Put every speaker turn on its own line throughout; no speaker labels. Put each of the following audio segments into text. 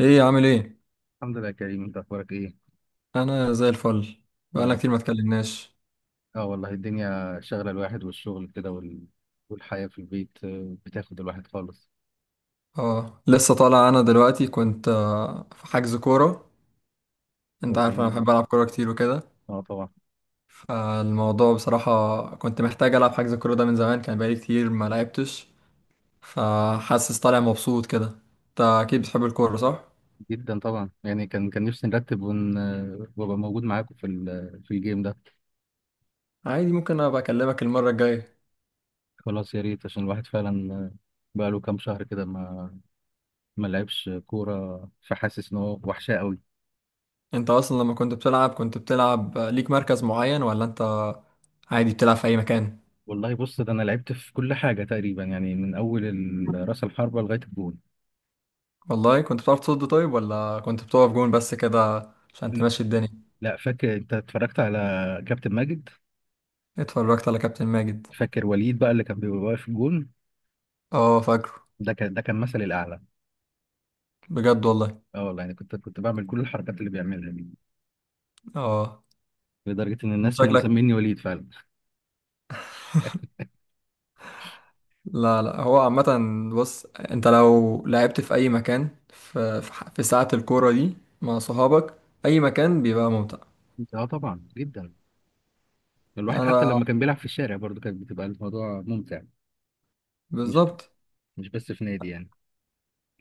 ايه، عامل ايه؟
الحمد لله يا كريم، انت اخبارك ايه؟
انا زي الفل.
يا
بقالنا
رب.
كتير ما اتكلمناش.
اه والله الدنيا شغله الواحد والشغل كده والحياه في البيت بتاخد الواحد خالص.
اه، لسه طالع. انا دلوقتي كنت في حجز كوره. انت
طب
عارف انا
جميل.
بحب العب كوره كتير وكده.
اه طبعا.
فالموضوع بصراحه كنت محتاج العب حجز الكوره ده من زمان، كان بقالي كتير ما لعبتش. فحاسس طالع مبسوط كده. انت اكيد بتحب الكوره، صح؟
جدا طبعا، يعني كان نفسي نرتب ون... آه، وابقى موجود معاكم في الجيم ده.
عادي، ممكن ابقى اكلمك المره الجايه.
خلاص، يا ريت، عشان الواحد فعلا بقاله كام شهر كده ما لعبش كوره، فحاسس ان هو وحشاه قوي.
انت اصلا لما كنت بتلعب، كنت بتلعب ليك مركز معين ولا انت عادي بتلعب في اي مكان؟
والله بص، ده انا لعبت في كل حاجه تقريبا، يعني من اول راس الحربه لغايه الجول.
والله كنت بتعرف تصد طيب ولا كنت بتقف جون بس كده عشان تمشي الدنيا؟
لا، فاكر انت اتفرجت على كابتن ماجد؟
اتفرجت على كابتن ماجد.
فاكر وليد بقى اللي كان بيبقى واقف في الجون؟
اه، فاكره.
ده كان مثلي الاعلى.
بجد والله؟
اه والله، يعني كنت بعمل كل الحركات اللي بيعملها دي،
اه.
لدرجه ان
انت
الناس كانوا
شكلك
مسميني وليد فعلا.
لا، لا، هو عامة. بص، انت لو لعبت في اي مكان، في ساعة الكورة دي مع صحابك، اي مكان بيبقى ممتع.
اه طبعا، جدا. الواحد حتى
انا،
لما كان بيلعب في الشارع برضه كانت بتبقى الموضوع ممتع. مش ب...
بالظبط.
مش بس في نادي يعني.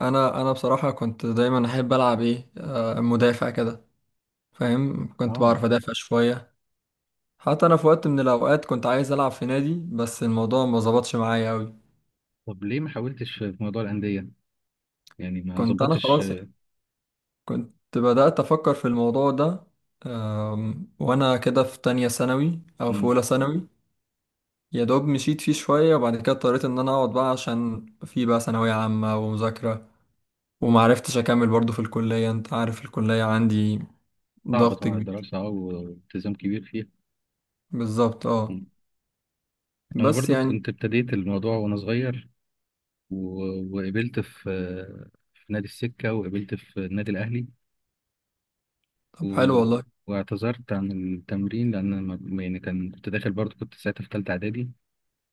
انا بصراحة كنت دايما احب العب ايه مدافع كده. فاهم، كنت
اه.
بعرف ادافع شوية. حتى انا في وقت من الاوقات كنت عايز العب في نادي بس الموضوع ما ظبطش معايا قوي.
طب ليه ما حاولتش في موضوع الانديه؟ يعني ما
كنت انا
ظبطتش.
خلاص. كنت بدأت افكر في الموضوع ده. وانا كده في تانية ثانوي او في
مم.
اولى ثانوي. يا دوب مشيت فيه شوية، وبعد كده اضطريت ان انا اقعد بقى عشان في بقى ثانوية عامة ومذاكرة. ومعرفتش اكمل برضو في الكلية. انت عارف الكلية عندي
صعبة
ضغط
طبعا
كبير.
الدراسه، والتزام كبير فيها.
بالظبط، اه.
مم. انا
بس
برضو
يعني.
كنت ابتديت الموضوع وانا صغير و... وقبلت في نادي السكه، وقبلت في النادي الاهلي و...
طب، حلو والله.
واعتذرت عن التمرين، لأن أنا يعني كنت داخل، برضه كنت ساعتها في تالتة إعدادي،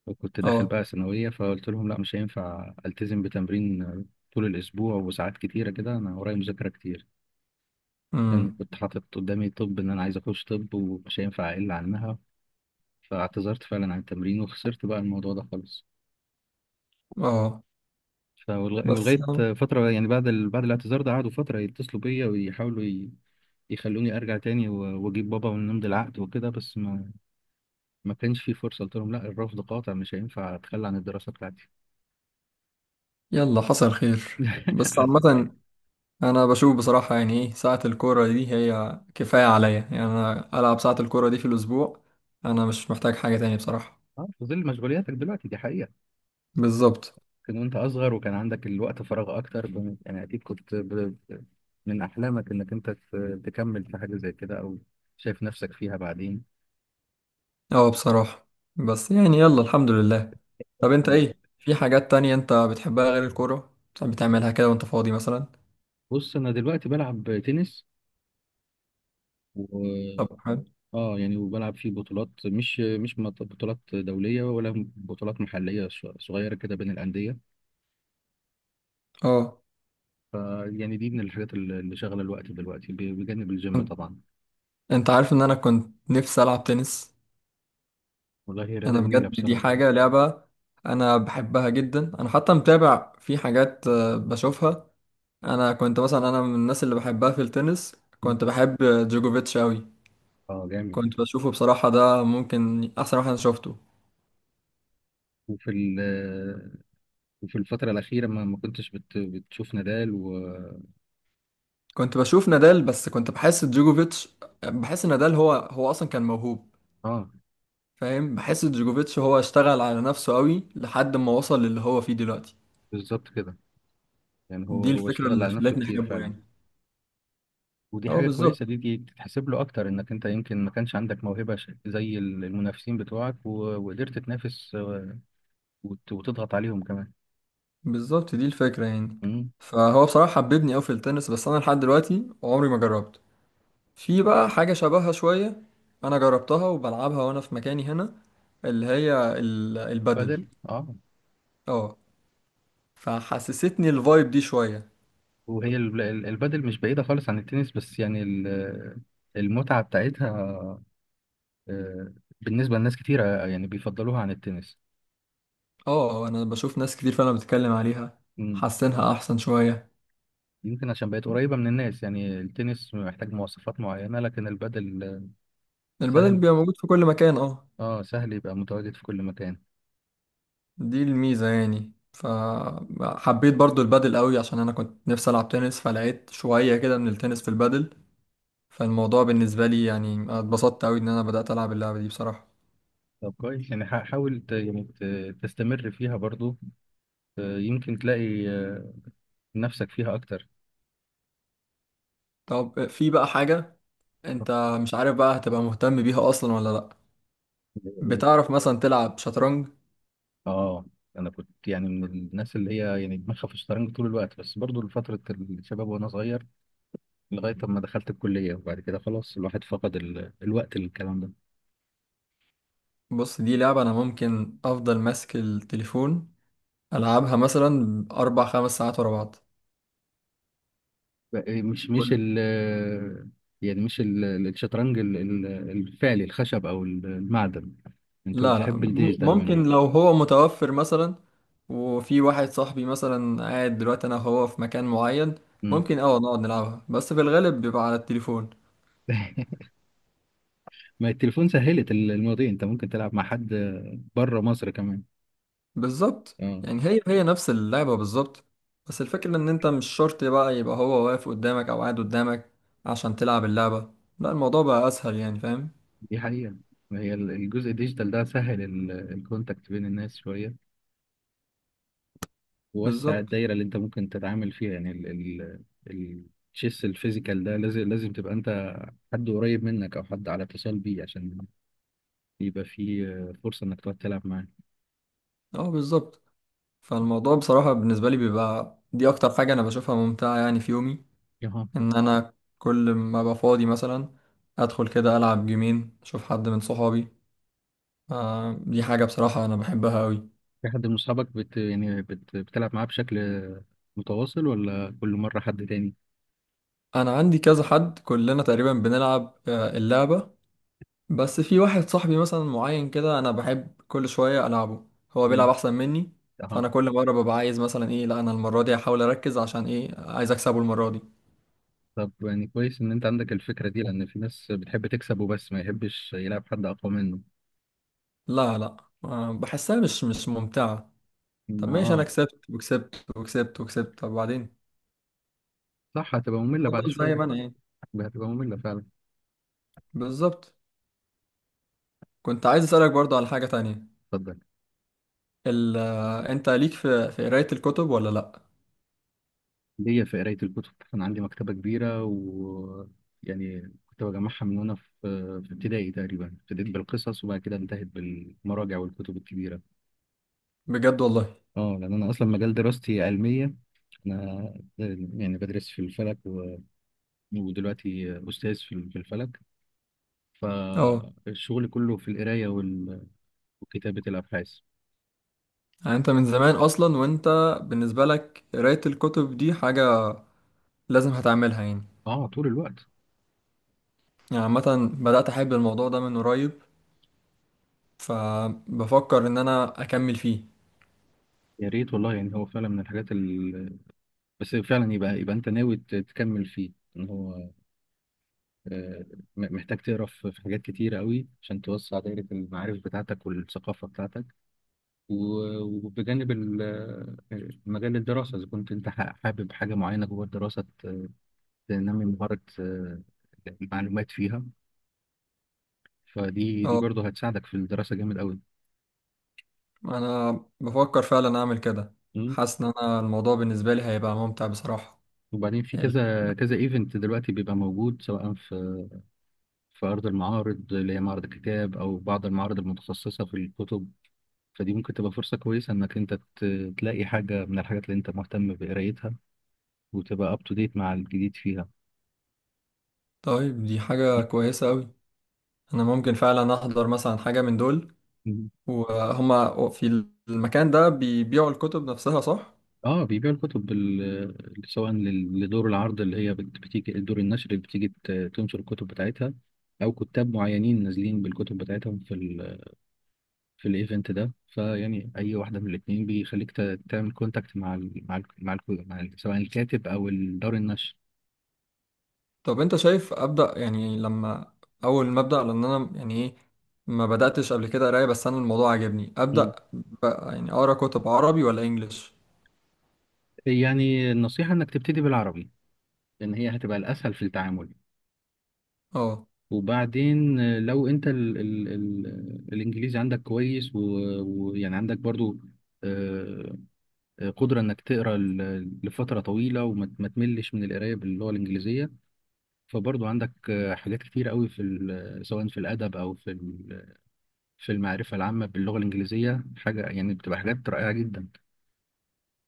وكنت داخل
اه.
بقى ثانوية، فقلت لهم لا، مش هينفع ألتزم بتمرين طول الأسبوع وساعات كتيرة كده، أنا ورايا مذاكرة كتير، لأن
امم.
كنت حاطط قدامي طب، إن أنا عايز أخش طب ومش هينفع أقل عنها. فاعتذرت فعلا عن التمرين وخسرت بقى الموضوع ده خالص.
اه. بس
ولغاية فترة، يعني بعد الاعتذار ده قعدوا فترة يتصلوا بيا ويحاولوا يخلوني ارجع تاني واجيب بابا ونمضي العقد وكده، بس ما كانش في فرصه، قلت لهم لا، الرفض قاطع، مش هينفع اتخلى عن الدراسه بتاعتي.
يلا، حصل خير، بس
حسن
عامة.
ايه.
أنا بشوف بصراحة، يعني إيه ساعة الكورة دي، هي كفاية عليا، يعني أنا ألعب ساعة الكورة دي في الأسبوع. أنا مش محتاج حاجة تاني بصراحة.
اه، في ظل مشغولياتك دلوقتي دي حقيقه.
بالظبط.
كان وانت اصغر وكان عندك الوقت فراغ اكتر، يعني اكيد من احلامك انك انت تكمل في حاجه زي كده، او شايف نفسك فيها بعدين.
أه، بصراحة، بس يعني، يلا الحمد لله. طب أنت إيه؟ في حاجات تانية أنت بتحبها غير الكورة بتحب تعملها كده وأنت فاضي مثلا؟
بص انا دلوقتي بلعب تنس
طب،
و
حلو.
اه يعني وبلعب في بطولات مش مش مط- بطولات دوليه ولا بطولات محليه، صغيره كده بين الانديه
أه.
ف يعني دي من الحاجات اللي شغله الوقت دلوقتي، بجانب الجيم
أن-
طبعا.
أنت عارف إن أنا كنت نفسي ألعب تنس.
والله هي رياضة
أنا بجد،
جميلة
دي
بصراحة.
حاجة لعبة. أنا بحبها جدا. أنا حتى متابع، في حاجات بشوفها. انا كنت مثلا، انا من الناس اللي بحبها في التنس،
مم.
كنت بحب جوجوفيتش قوي.
اه جامد.
كنت بشوفه بصراحة، ده ممكن احسن واحد انا شفته.
وفي ال- وفي الفترة الأخيرة ما كنتش بتشوف نادال و.
كنت بشوف نادال بس كنت بحس جوجوفيتش. بحس نادال هو هو اصلا كان موهوب.
اه
فاهم، بحس جوجوفيتش هو اشتغل على نفسه قوي لحد ما وصل للي هو فيه دلوقتي.
بالظبط كده. يعني هو
دي
هو
الفكرة
اشتغل
اللي
على نفسه
خلتني
كتير
احبه
فعلا.
يعني.
ودي
اه،
حاجة كويسة،
بالظبط.
دي تتحسب له أكتر، إنك أنت يمكن ما كانش عندك موهبة زي المنافسين بتوعك، وقدرت تنافس وتضغط عليهم كمان.
بالظبط، دي الفكرة يعني.
امم.
فهو بصراحة حببني قوي في التنس، بس انا لحد دلوقتي عمري ما جربت. في بقى حاجة شبهها شوية. أنا جربتها وبلعبها وأنا في مكاني هنا، اللي هي
فده.
البادل.
اه.
اه. فحسستني الفايب دي شوية.
وهي البادل مش بعيدة خالص عن التنس، بس يعني المتعة بتاعتها آه، بالنسبة لناس كتيرة يعني بيفضلوها عن التنس.
اه، أنا بشوف ناس كتير فعلا بتتكلم عليها.
مم.
حاسينها أحسن شوية.
يمكن عشان بقت قريبة من الناس، يعني التنس محتاج مواصفات معينة لكن البادل
البادل
سهل.
بيبقى موجود في كل مكان، اه.
اه سهل، يبقى متواجد في كل مكان.
دي الميزة يعني، فحبيت برضو البادل قوي عشان أنا كنت نفسي ألعب تنس، فلقيت شوية كده من التنس في البادل. فالموضوع بالنسبة لي يعني اتبسطت قوي إن أنا بدأت ألعب اللعبة دي بصراحة.
طب كويس، يعني حاول يعني تستمر فيها برضو يمكن تلاقي نفسك فيها أكتر.
طب في بقى حاجة. انت، مش عارف بقى هتبقى مهتم بيها اصلا ولا لا؟ بتعرف مثلا تلعب شطرنج؟
اه انا كنت يعني من الناس اللي هي يعني دماغها في الشطرنج طول الوقت، بس برضو لفتره الشباب وانا صغير، لغايه ما دخلت الكليه، وبعد كده خلاص الواحد فقد الوقت للكلام ده.
بص، دي لعبة انا ممكن افضل ماسك التليفون العبها مثلا اربع خمس ساعات ورا بعض.
بقى- مش مش
كل
ال يعني مش ال... الشطرنج الفعلي، الخشب او المعدن، انت
لا، لا،
بتحب الديجيتال
ممكن
منه؟
لو هو متوفر مثلا. وفي واحد صاحبي مثلا قاعد دلوقتي انا وهو في مكان معين.
مم.
ممكن نقعد نلعبها بس في الغالب بيبقى على التليفون.
ما التليفون سهلت المواضيع، انت ممكن تلعب مع حد بره مصر كمان.
بالظبط،
اه
يعني هي هي نفس اللعبة بالظبط. بس الفكرة ان انت مش شرط بقى يبقى هو واقف قدامك او قاعد قدامك عشان تلعب اللعبة، لا، الموضوع بقى اسهل يعني، فاهم.
دي حقيقة. هي الجزء الديجيتال ده سهل الكونتاكت بين الناس شوية، ووسع
بالظبط.
الدايره اللي انت ممكن تتعامل فيها، يعني ال ال التشيس الفيزيكال ده، لازم تبقى انت حد قريب منك او حد على اتصال بيه، عشان يبقى في فرصه انك تقعد تلعب معاه.
اه، بالظبط. فالموضوع بصراحة بالنسبة لي بيبقى دي اكتر حاجة انا بشوفها ممتعة يعني في يومي.
اها.
ان انا كل ما ابقى فاضي مثلا ادخل كده العب جيمين اشوف حد من صحابي. آه، دي حاجة بصراحة انا بحبها قوي.
في حد من اصحابك يعني بتلعب معاه بشكل متواصل، ولا كل مره حد تاني؟
انا عندي كذا حد كلنا تقريبا بنلعب اللعبة. بس في واحد صاحبي مثلا معين كده انا بحب كل شويه العبه. هو بيلعب
مم.
احسن مني.
اها.
فانا كل مره ببقى عايز مثلا ايه، لا انا المره دي هحاول اركز عشان ايه عايز اكسبه المره دي.
طب يعني كويس ان انت عندك الفكره دي، لان في ناس بتحب تكسب وبس، ما يحبش يلعب حد اقوى منه.
لا، لا، بحسها مش ممتعه. طب
ما
ماشي، انا
اه.
كسبت وكسبت وكسبت وكسبت، طب بعدين؟
صح، هتبقى ممله بعد
افضل زي
شويه.
ما انا يعني.
هتبقى ممله فعلا.
بالظبط. كنت عايز اسالك برضو على حاجه تانية.
اتفضل.
ال آه، انت ليك في قرايه الكتب، ولا لا؟
ليا في قراية الكتب. أنا عندي مكتبة كبيرة، ويعني كنت بجمعها من وأنا في ابتدائي تقريبا، ابتديت بالقصص وبعد كده انتهت بالمراجع والكتب الكبيرة.
بجد والله.
اه لأن أنا أصلا مجال دراستي علمية. أنا يعني بدرس في الفلك ودلوقتي أستاذ في الفلك،
اه.
فالشغل كله في القراية وكتابة الأبحاث.
يعني انت من زمان اصلا وانت، بالنسبه لك قرايه الكتب دي حاجه لازم هتعملها يعني؟
اه طول الوقت.
يعني عامة بدأت أحب الموضوع ده من قريب. فبفكر إن أنا أكمل فيه.
يا ريت والله، يعني هو فعلا من الحاجات بس فعلا يبقى أنت ناوي تكمل فيه، إن هو آه، محتاج تقرا في حاجات كتيرة قوي عشان توسع دايرة المعارف بتاعتك والثقافة بتاعتك، و- وبجانب مجال الدراسة، إذا كنت أنت حابب حاجة معينة جوه الدراسة تنمي مهارة المعلومات فيها، فدي
أه.
برضه هتساعدك في الدراسة جامد قوي.
أنا بفكر فعلا أعمل كده.
مم.
حاسس إن أنا الموضوع بالنسبة لي هيبقى ممتع بصراحة.
وبعدين في
ال-
كذا كذا ايفنت دلوقتي بيبقى موجود، سواء في أرض المعارض اللي هي معرض الكتاب، أو بعض المعارض المتخصصة في الكتب. فدي ممكن تبقى فرصة كويسة إنك أنت تلاقي حاجة من الحاجات اللي أنت مهتم بقرايتها، وتبقى أب تو ديت مع الجديد فيها.
طيب، دي حاجة كويسة أوي. أنا ممكن فعلا أحضر مثلا حاجة من دول،
مم.
وهما في المكان ده بيبيعوا الكتب نفسها، صح؟
آه، بيبيعوا الكتب سواء لدور العرض، اللي هي بتيجي دور النشر اللي بتيجي تنشر الكتب بتاعتها، أو كتاب معينين نازلين بالكتب بتاعتهم في الإيفنت ده، فيعني أي واحدة من الاتنين بيخليك تعمل كونتاكت سواء الكاتب أو دار النشر.
طب انت شايف ابدا، يعني لما اول ما ابدا، لان انا يعني ايه ما بداتش قبل كده قرايه، بس انا الموضوع عجبني.
مم.
ابدا بقى يعني اقرا كتب عربي ولا انجليش؟
يعني النصيحة إنك تبتدي بالعربي، لأن هي هتبقى الأسهل في التعامل.
اه.
وبعدين لو انت ال ال ال الانجليزي عندك كويس، ويعني عندك برضو آه، قدرة انك تقرا لفترة طويلة، وما ما تملش من القراية باللغة الانجليزية، فبرضو عندك حاجات كتير قوي في ال- آه، سواء في الادب او في ال- آه، في المعرفة العامة باللغة الانجليزية، حاجة يعني بتبقى حاجات رائعة جدا.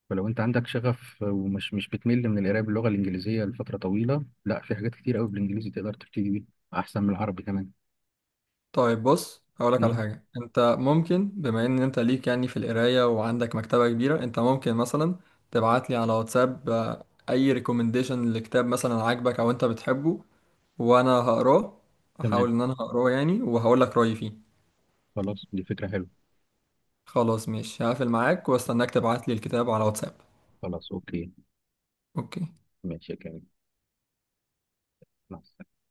فلو انت عندك شغف، ومش مش بتمل من القراية باللغة الانجليزية لفترة طويلة، لا في حاجات كتير قوي بالانجليزي تقدر تبتدي بيها احسن من العربي كمان.
طيب بص، هقولك على
مم.
حاجه. انت ممكن، بما ان انت ليك يعني في القرايه وعندك مكتبه كبيره، انت ممكن مثلا تبعت لي على واتساب اي ريكومنديشن لكتاب مثلا عاجبك او انت بتحبه وانا هقراه.
تمام.
احاول ان انا هقراه يعني، وهقول لك رايي فيه.
خلاص دي فكرة حلوة.
خلاص ماشي، هقفل معاك واستناك تبعت لي الكتاب على واتساب.
خلاص أوكي.
اوكي.
ماشي يا كريم. مع